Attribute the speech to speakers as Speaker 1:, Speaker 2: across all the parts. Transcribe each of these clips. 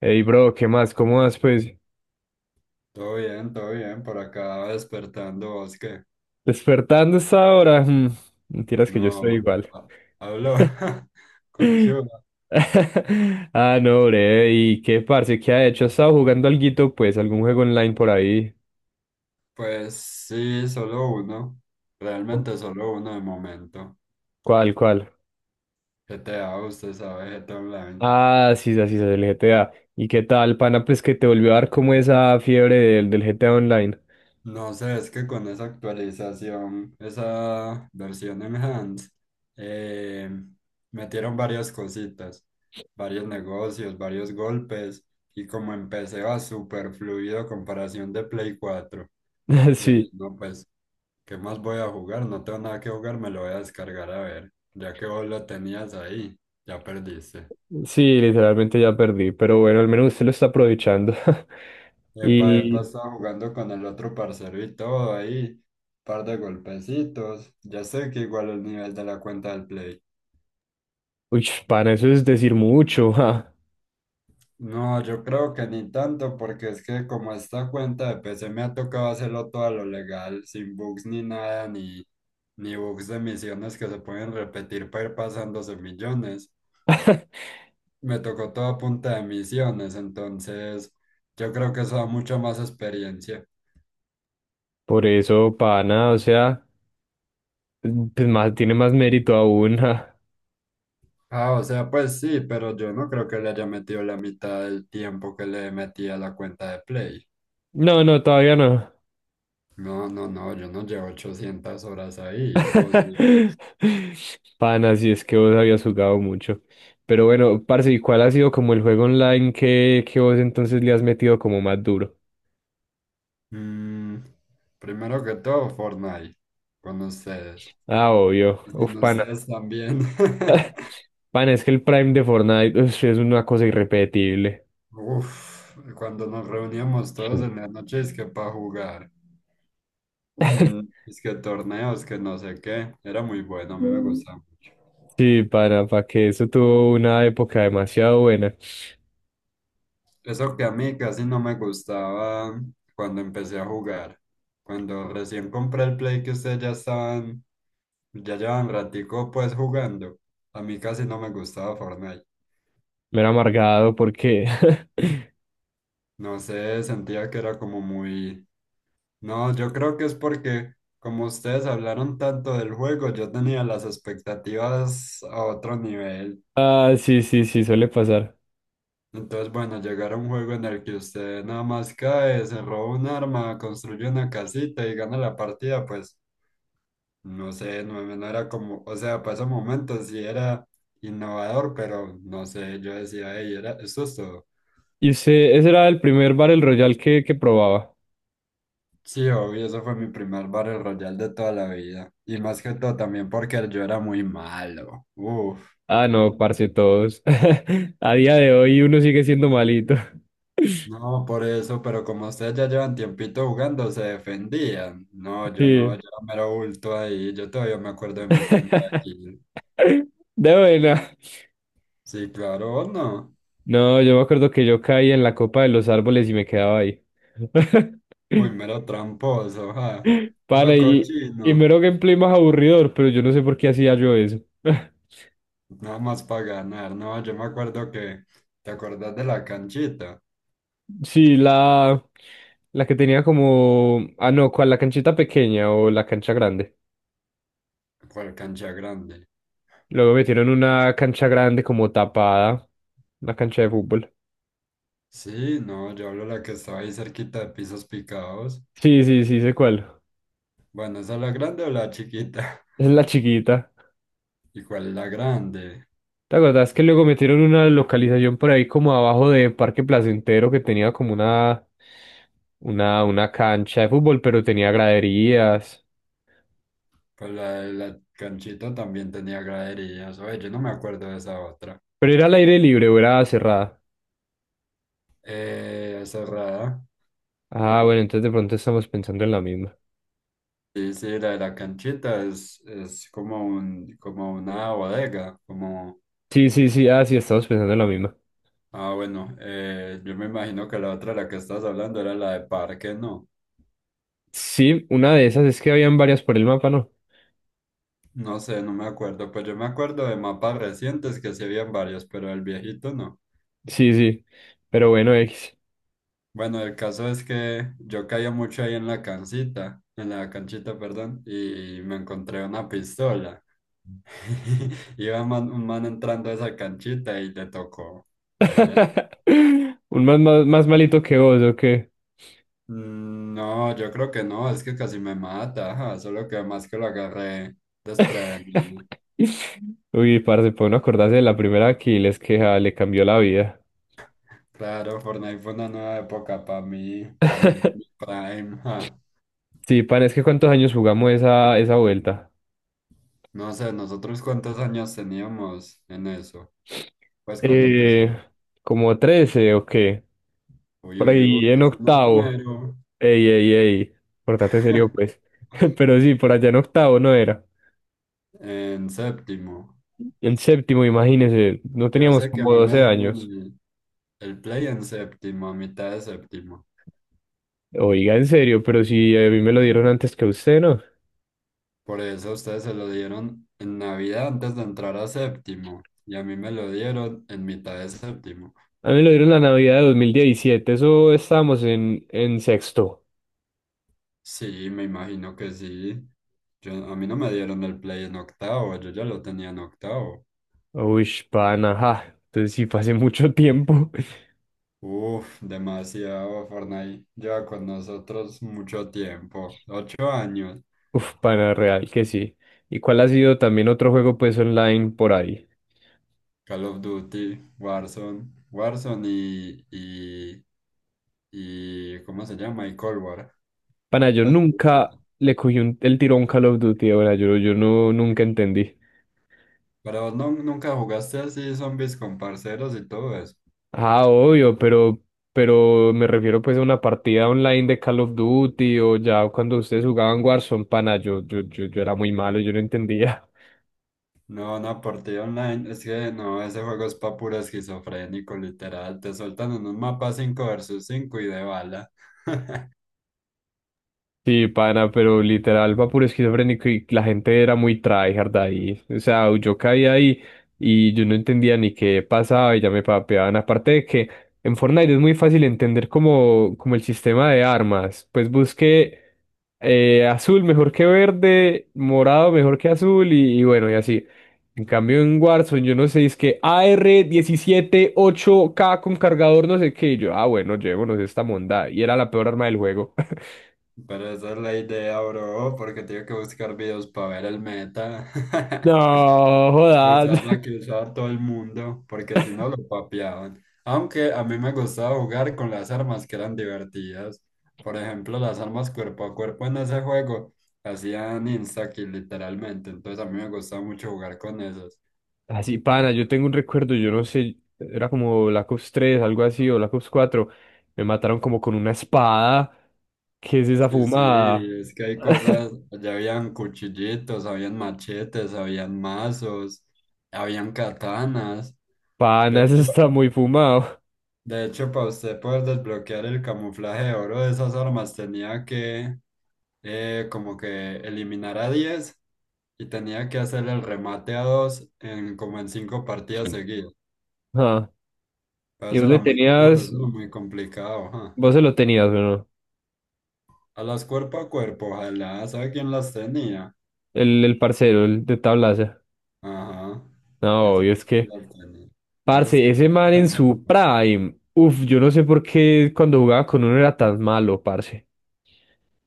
Speaker 1: Ey, bro, ¿qué más? ¿Cómo vas, pues?
Speaker 2: Todo bien, por acá despertando vos que
Speaker 1: Despertando esta hora. Mentiras que yo estoy
Speaker 2: no
Speaker 1: igual.
Speaker 2: ha- hablo con Chula.
Speaker 1: Ah, no, bre. ¿Y qué, parce? ¿Qué ha hecho? ¿Ha estado jugando alguito, pues? ¿Algún juego online por ahí?
Speaker 2: Pues sí, solo uno, realmente solo uno de momento.
Speaker 1: ¿Cuál, cuál?
Speaker 2: GTA, usted sabe, GTA Online.
Speaker 1: Ah, sí, sí, sí, el GTA. ¿Y qué tal, pana? Pues que te volvió a dar como esa fiebre del GTA Online.
Speaker 2: No sé, es que con esa actualización, esa versión enhanced, eh, metieron varias cositas, varios negocios, varios golpes, y como empecé va súper fluido a comparación de Play cuatro. Yo dije,
Speaker 1: Sí,
Speaker 2: no, pues ¿qué más voy a jugar? No tengo nada que jugar, me lo voy a descargar a ver. Ya que vos lo tenías ahí, ya perdiste.
Speaker 1: sí, literalmente ya perdí. Pero bueno, al menos usted lo está aprovechando.
Speaker 2: Epa, epa,
Speaker 1: Y,
Speaker 2: estaba jugando con el otro parcero y todo ahí. Par de golpecitos. Ya sé que igual el nivel de la cuenta del Play.
Speaker 1: uy, pana, eso es decir mucho.
Speaker 2: No, yo creo que ni tanto, porque es que como esta cuenta de PC me ha tocado hacerlo todo a lo legal, sin bugs ni nada, ni bugs de misiones que se pueden repetir para ir pasándose millones. Me tocó todo a punta de misiones, entonces yo creo que eso da mucha más experiencia.
Speaker 1: Por eso, pana, o sea, pues más, tiene más mérito aún. ja.
Speaker 2: Ah, o sea, pues sí, pero yo no creo que le haya metido la mitad del tiempo que le metí a la cuenta de Play.
Speaker 1: No, no, todavía no.
Speaker 2: No, no, no, yo no llevo 800 horas ahí, imposible.
Speaker 1: Pana, si es que vos habías jugado mucho. Pero bueno, parce, ¿y cuál ha sido como el juego online que vos entonces le has metido como más duro?
Speaker 2: Mm, primero que todo, Fortnite, con ustedes.
Speaker 1: Ah, obvio.
Speaker 2: Y sin
Speaker 1: Uf, pana.
Speaker 2: ustedes también.
Speaker 1: Pana, es que el Prime de Fortnite uf, es una cosa irrepetible.
Speaker 2: Uf, cuando nos reuníamos todos
Speaker 1: Mm.
Speaker 2: en las noches que para jugar. Mm, es que torneos, que no sé qué, era muy bueno, a mí me gustaba mucho.
Speaker 1: Sí, pana, para que eso tuvo una época demasiado buena.
Speaker 2: Eso que a mí casi no me gustaba cuando empecé a jugar. Cuando recién compré el Play que ustedes ya estaban, ya llevan ratico pues jugando, a mí casi no me gustaba Fortnite.
Speaker 1: Me era amargado porque
Speaker 2: No sé, sentía que era como muy... No, yo creo que es porque como ustedes hablaron tanto del juego, yo tenía las expectativas a otro nivel.
Speaker 1: Ah, sí, sí, sí, suele pasar.
Speaker 2: Entonces, bueno, llegar a un juego en el que usted nada más cae, se roba un arma, construye una casita y gana la partida, pues no sé, no, no era como, o sea, para ese momento sí era innovador, pero no sé, yo decía, hey, era, eso es todo.
Speaker 1: Y usted, ese era el primer Battle Royale que probaba.
Speaker 2: Sí, obvio, eso fue mi primer Battle Royale de toda la vida. Y más que todo también porque yo era muy malo. Uf.
Speaker 1: Ah, no, parce, todos. A día de hoy uno sigue siendo malito.
Speaker 2: No, por eso, pero como ustedes ya llevan tiempito jugando, se defendían. No, yo no, yo
Speaker 1: Sí.
Speaker 2: era mero bulto ahí. Yo todavía me acuerdo de mi primera kill.
Speaker 1: De buena.
Speaker 2: Sí, claro, ¿o no?
Speaker 1: No, yo me acuerdo que yo caí en la copa de los árboles y me quedaba ahí.
Speaker 2: Uy, mero tramposo, ja.
Speaker 1: Para,
Speaker 2: Mero cochino.
Speaker 1: y mero gameplay más aburridor, pero yo no sé por qué hacía yo eso.
Speaker 2: Nada más para ganar. No, yo me acuerdo que. ¿Te acordás de la canchita?
Speaker 1: Sí, la que tenía como. Ah, no, ¿cuál? La canchita pequeña o la cancha grande.
Speaker 2: ¿Cuál cancha grande?
Speaker 1: Luego metieron una cancha grande como tapada, una cancha de fútbol.
Speaker 2: Sí, no, yo hablo de la que estaba ahí cerquita de pisos picados.
Speaker 1: Sí, sí, sí, sé cuál.
Speaker 2: Bueno, ¿esa es la grande o la chiquita?
Speaker 1: Es la chiquita.
Speaker 2: ¿Y cuál es la grande?
Speaker 1: ¿Te acordás que luego metieron una localización por ahí como abajo de Parque Placentero que tenía como una, una cancha de fútbol, pero tenía graderías?
Speaker 2: Pues la de la canchita también tenía graderías. Oye, yo no me acuerdo de esa otra.
Speaker 1: Pero era al aire libre o era cerrada.
Speaker 2: Cerrada.
Speaker 1: Ah, bueno, entonces de pronto estamos pensando en la misma.
Speaker 2: Sí, sí, la de la canchita es como un, como una bodega, como...
Speaker 1: Sí, sí, sí, ah, sí, estamos pensando en la misma.
Speaker 2: Ah, bueno, yo me imagino que la otra, la que estás hablando, era la de parque, ¿no?
Speaker 1: Sí, una de esas es que habían varias por el mapa, ¿no?
Speaker 2: No sé, no me acuerdo. Pues yo me acuerdo de mapas recientes que sí habían varios, pero el viejito no.
Speaker 1: Sí, sí. Pero bueno, X.
Speaker 2: Bueno, el caso es que yo caía mucho ahí en la cancita, en la canchita, perdón, y me encontré una pistola. Un man entrando a esa canchita y le tocó. Ahí le-
Speaker 1: Un más malito que vos, ¿o qué?
Speaker 2: Mm, no, yo creo que no, es que casi me mata, ajá, solo que más que lo agarré desprevenido.
Speaker 1: Uy, parce, para uno acordarse de la primera Aquiles que ja, le cambió la vida.
Speaker 2: Claro, Fortnite fue una nueva época para mí, Fortnite fue mi prime, ajá.
Speaker 1: Sí, pan, es que ¿cuántos años jugamos esa, esa vuelta?
Speaker 2: No sé, nosotros cuántos años teníamos en eso, pues cuando empezó.
Speaker 1: Eh, como 13 o qué.
Speaker 2: Uy,
Speaker 1: Por
Speaker 2: uy,
Speaker 1: ahí
Speaker 2: uy,
Speaker 1: en
Speaker 2: ese
Speaker 1: octavo.
Speaker 2: número.
Speaker 1: Ey, ey, ey. Portate serio, pues. Pero sí, por allá en octavo no era.
Speaker 2: En séptimo.
Speaker 1: En séptimo, imagínese, no
Speaker 2: Yo sé
Speaker 1: teníamos
Speaker 2: que a
Speaker 1: como
Speaker 2: mí me
Speaker 1: 12
Speaker 2: dieron
Speaker 1: años.
Speaker 2: el play en séptimo, a mitad de séptimo.
Speaker 1: Oiga, en serio, pero si a mí me lo dieron antes que a usted, ¿no?
Speaker 2: Por eso a ustedes se lo dieron en Navidad antes de entrar a séptimo. Y a mí me lo dieron en mitad de séptimo.
Speaker 1: A mí me lo dieron la Navidad de 2017, eso estábamos en sexto.
Speaker 2: Sí, me imagino que sí. Yo, a mí no me dieron el play en octavo, yo ya lo tenía en octavo.
Speaker 1: Uy, pana, ajá. Entonces sí, fue hace mucho tiempo.
Speaker 2: Uf, demasiado. Fortnite lleva con nosotros mucho tiempo. 8 años.
Speaker 1: Uf, pana, real que sí. ¿Y cuál ha sido también otro juego pues online por ahí?
Speaker 2: Call of Duty, Warzone, Warzone y ¿cómo se llama? Y Cold War.
Speaker 1: Pana, yo
Speaker 2: Pues,
Speaker 1: nunca le cogí un- el tirón Call of Duty, ahora yo, yo no, nunca entendí.
Speaker 2: pero no, ¿nunca jugaste así zombies con parceros y todo eso?
Speaker 1: Ah, obvio, pero, me refiero pues a una partida online de Call of Duty o ya cuando ustedes jugaban Warzone, pana, yo era muy malo, yo no entendía.
Speaker 2: No, una partida online, es que no, ese juego es pa' puro esquizofrénico, literal. Te soltan en un mapa 5 versus 5 y de bala.
Speaker 1: Sí, pana, pero literal va puro esquizofrénico y la gente era muy tryhard ahí. O sea, yo caía ahí y yo no entendía ni qué pasaba y ya me papeaban. Aparte de que en Fortnite es muy fácil entender como, como el sistema de armas. Pues busqué azul mejor que verde, morado mejor que azul y bueno, y así. En cambio en Warzone yo no sé, es que A R diecisiete ocho k con cargador no sé qué. Y yo, ah, bueno, llevémonos esta monda. Y era la peor arma del juego.
Speaker 2: Pero esa es la idea, bro, porque tengo que buscar videos para ver el meta.
Speaker 1: No, jodas.
Speaker 2: Usar la que usaba todo el mundo, porque si no lo papeaban. Aunque a mí me gustaba jugar con las armas que eran divertidas. Por ejemplo, las armas cuerpo a cuerpo en ese juego hacían insta-kill literalmente. Entonces a mí me gustaba mucho jugar con esas.
Speaker 1: Así, pana, yo tengo un recuerdo, yo no sé, era como Black Ops 3, algo así, o Black Ops 4. Me mataron como con una espada. ¿Qué es esa
Speaker 2: Sí, sí,
Speaker 1: fumada?
Speaker 2: es que hay cosas, allá habían cuchillitos, habían machetes, habían mazos, habían katanas. De
Speaker 1: Pana, eso
Speaker 2: hecho,
Speaker 1: está muy fumado.
Speaker 2: de hecho, para usted poder desbloquear el camuflaje de oro de esas armas tenía que como que eliminar a 10 y tenía que hacer el remate a 2 en como en 5 partidas
Speaker 1: Sí.
Speaker 2: seguidas.
Speaker 1: Ah,
Speaker 2: Pero
Speaker 1: y
Speaker 2: eso
Speaker 1: vos
Speaker 2: era
Speaker 1: le
Speaker 2: muy duro,
Speaker 1: tenías,
Speaker 2: eso era muy complicado, ajá.
Speaker 1: vos se lo tenías, bueno,
Speaker 2: A las cuerpo a cuerpo, ojalá, ¿sabe quién las tenía?
Speaker 1: el parcero, el de tablaza.
Speaker 2: Ajá,
Speaker 1: No,
Speaker 2: esas
Speaker 1: obvio, es
Speaker 2: que
Speaker 1: que,
Speaker 2: ya planeé. Esas que
Speaker 1: parce, ese
Speaker 2: ya
Speaker 1: man en
Speaker 2: planeé.
Speaker 1: su prime, uf, yo no sé por qué cuando jugaba con uno era tan malo, parce.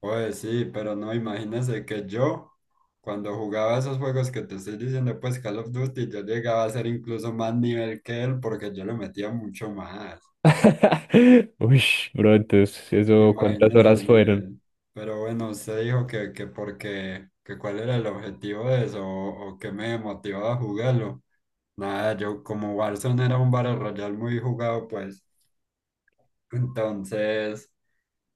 Speaker 2: Pues sí, pero no, imagínese que yo, cuando jugaba esos juegos que te estoy diciendo, pues Call of Duty, yo llegaba a ser incluso más nivel que él porque yo le metía mucho más.
Speaker 1: Uy, bro, entonces, eso, ¿cuántas
Speaker 2: Imagínese
Speaker 1: horas
Speaker 2: el
Speaker 1: fueron?
Speaker 2: nivel. Pero bueno, usted dijo que porque, que cuál era el objetivo de eso o qué me motivaba a jugarlo. Nada, yo como Warzone era un Battle Royale muy jugado, pues entonces...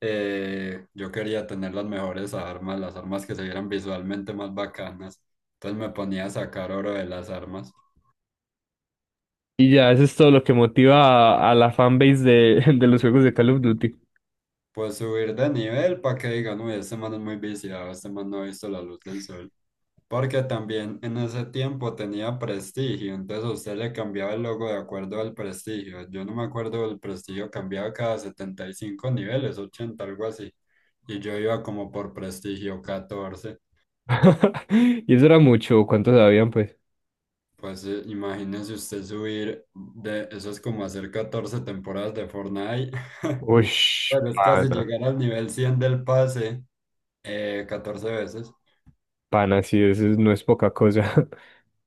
Speaker 2: yo quería tener las mejores armas, las armas que se vieran visualmente más bacanas. Entonces me ponía a sacar oro de las armas.
Speaker 1: Y ya, eso es todo lo que motiva a la fanbase de, de los juegos de Call of Duty.
Speaker 2: Pues subir de nivel para que digan, uy, este man es muy viciado, este man no ha visto la luz del sol. Porque también en ese tiempo tenía prestigio, entonces a usted le cambiaba el logo de acuerdo al prestigio. Yo no me acuerdo, el prestigio cambiaba cada 75 niveles, 80 algo así. Y yo iba como por prestigio 14.
Speaker 1: Y eso era mucho, ¿cuántos habían, pues?
Speaker 2: Pues imagínese usted subir de, eso es como hacer 14 temporadas de Fortnite.
Speaker 1: Uy,
Speaker 2: Bueno, es casi
Speaker 1: pana,
Speaker 2: llegar al nivel 100 del pase 14 veces.
Speaker 1: pana, sí, eso es- no es poca cosa.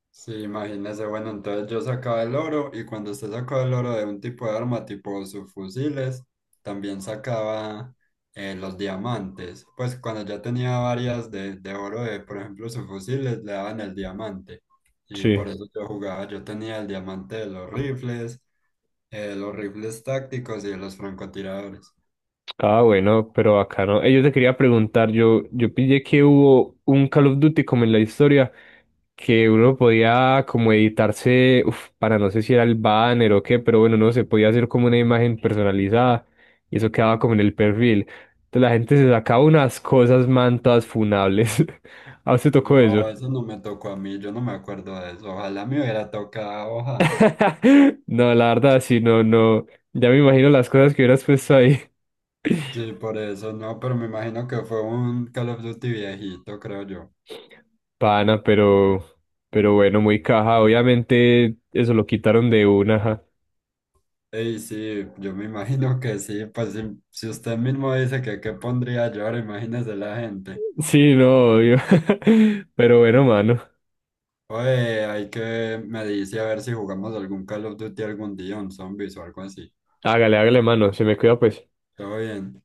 Speaker 2: Sí, imagínese, bueno, entonces yo sacaba el oro y cuando usted sacaba el oro de un tipo de arma, tipo sus fusiles, también sacaba los diamantes. Pues cuando ya tenía varias de oro de, por ejemplo, sus fusiles, le daban el diamante. Y
Speaker 1: Sí.
Speaker 2: por eso yo jugaba, yo tenía el diamante de los rifles tácticos y los francotiradores.
Speaker 1: Ah, bueno, pero acá no. Yo te quería preguntar, yo pillé que hubo un Call of Duty como en la historia, que uno podía como editarse, uf, para no sé si era el banner o qué, pero bueno, no se podía hacer como una imagen personalizada y eso quedaba como en el perfil. Entonces la gente se sacaba unas cosas, man, todas funables. ¿A usted tocó
Speaker 2: No,
Speaker 1: eso?
Speaker 2: eso no me tocó a mí, yo no me acuerdo de eso. Ojalá me hubiera tocado, hoja.
Speaker 1: No, la verdad, sí, no, no. Ya me imagino las cosas que hubieras puesto ahí.
Speaker 2: Sí, por eso no, pero me imagino que fue un Call of Duty viejito, creo yo.
Speaker 1: Pana, pero, bueno, muy caja. Obviamente eso lo quitaron de una. Ajá.
Speaker 2: Ey, sí, yo me imagino que sí, pues si, si usted mismo dice que qué pondría yo, ahora imagínese la gente.
Speaker 1: Sí, no, obvio. Pero bueno, mano.
Speaker 2: Oye, hay que, me dice a ver si jugamos algún Call of Duty algún día, un zombies o algo así.
Speaker 1: Hágale, hágale, mano. Se me cuida, pues.
Speaker 2: Todo bien.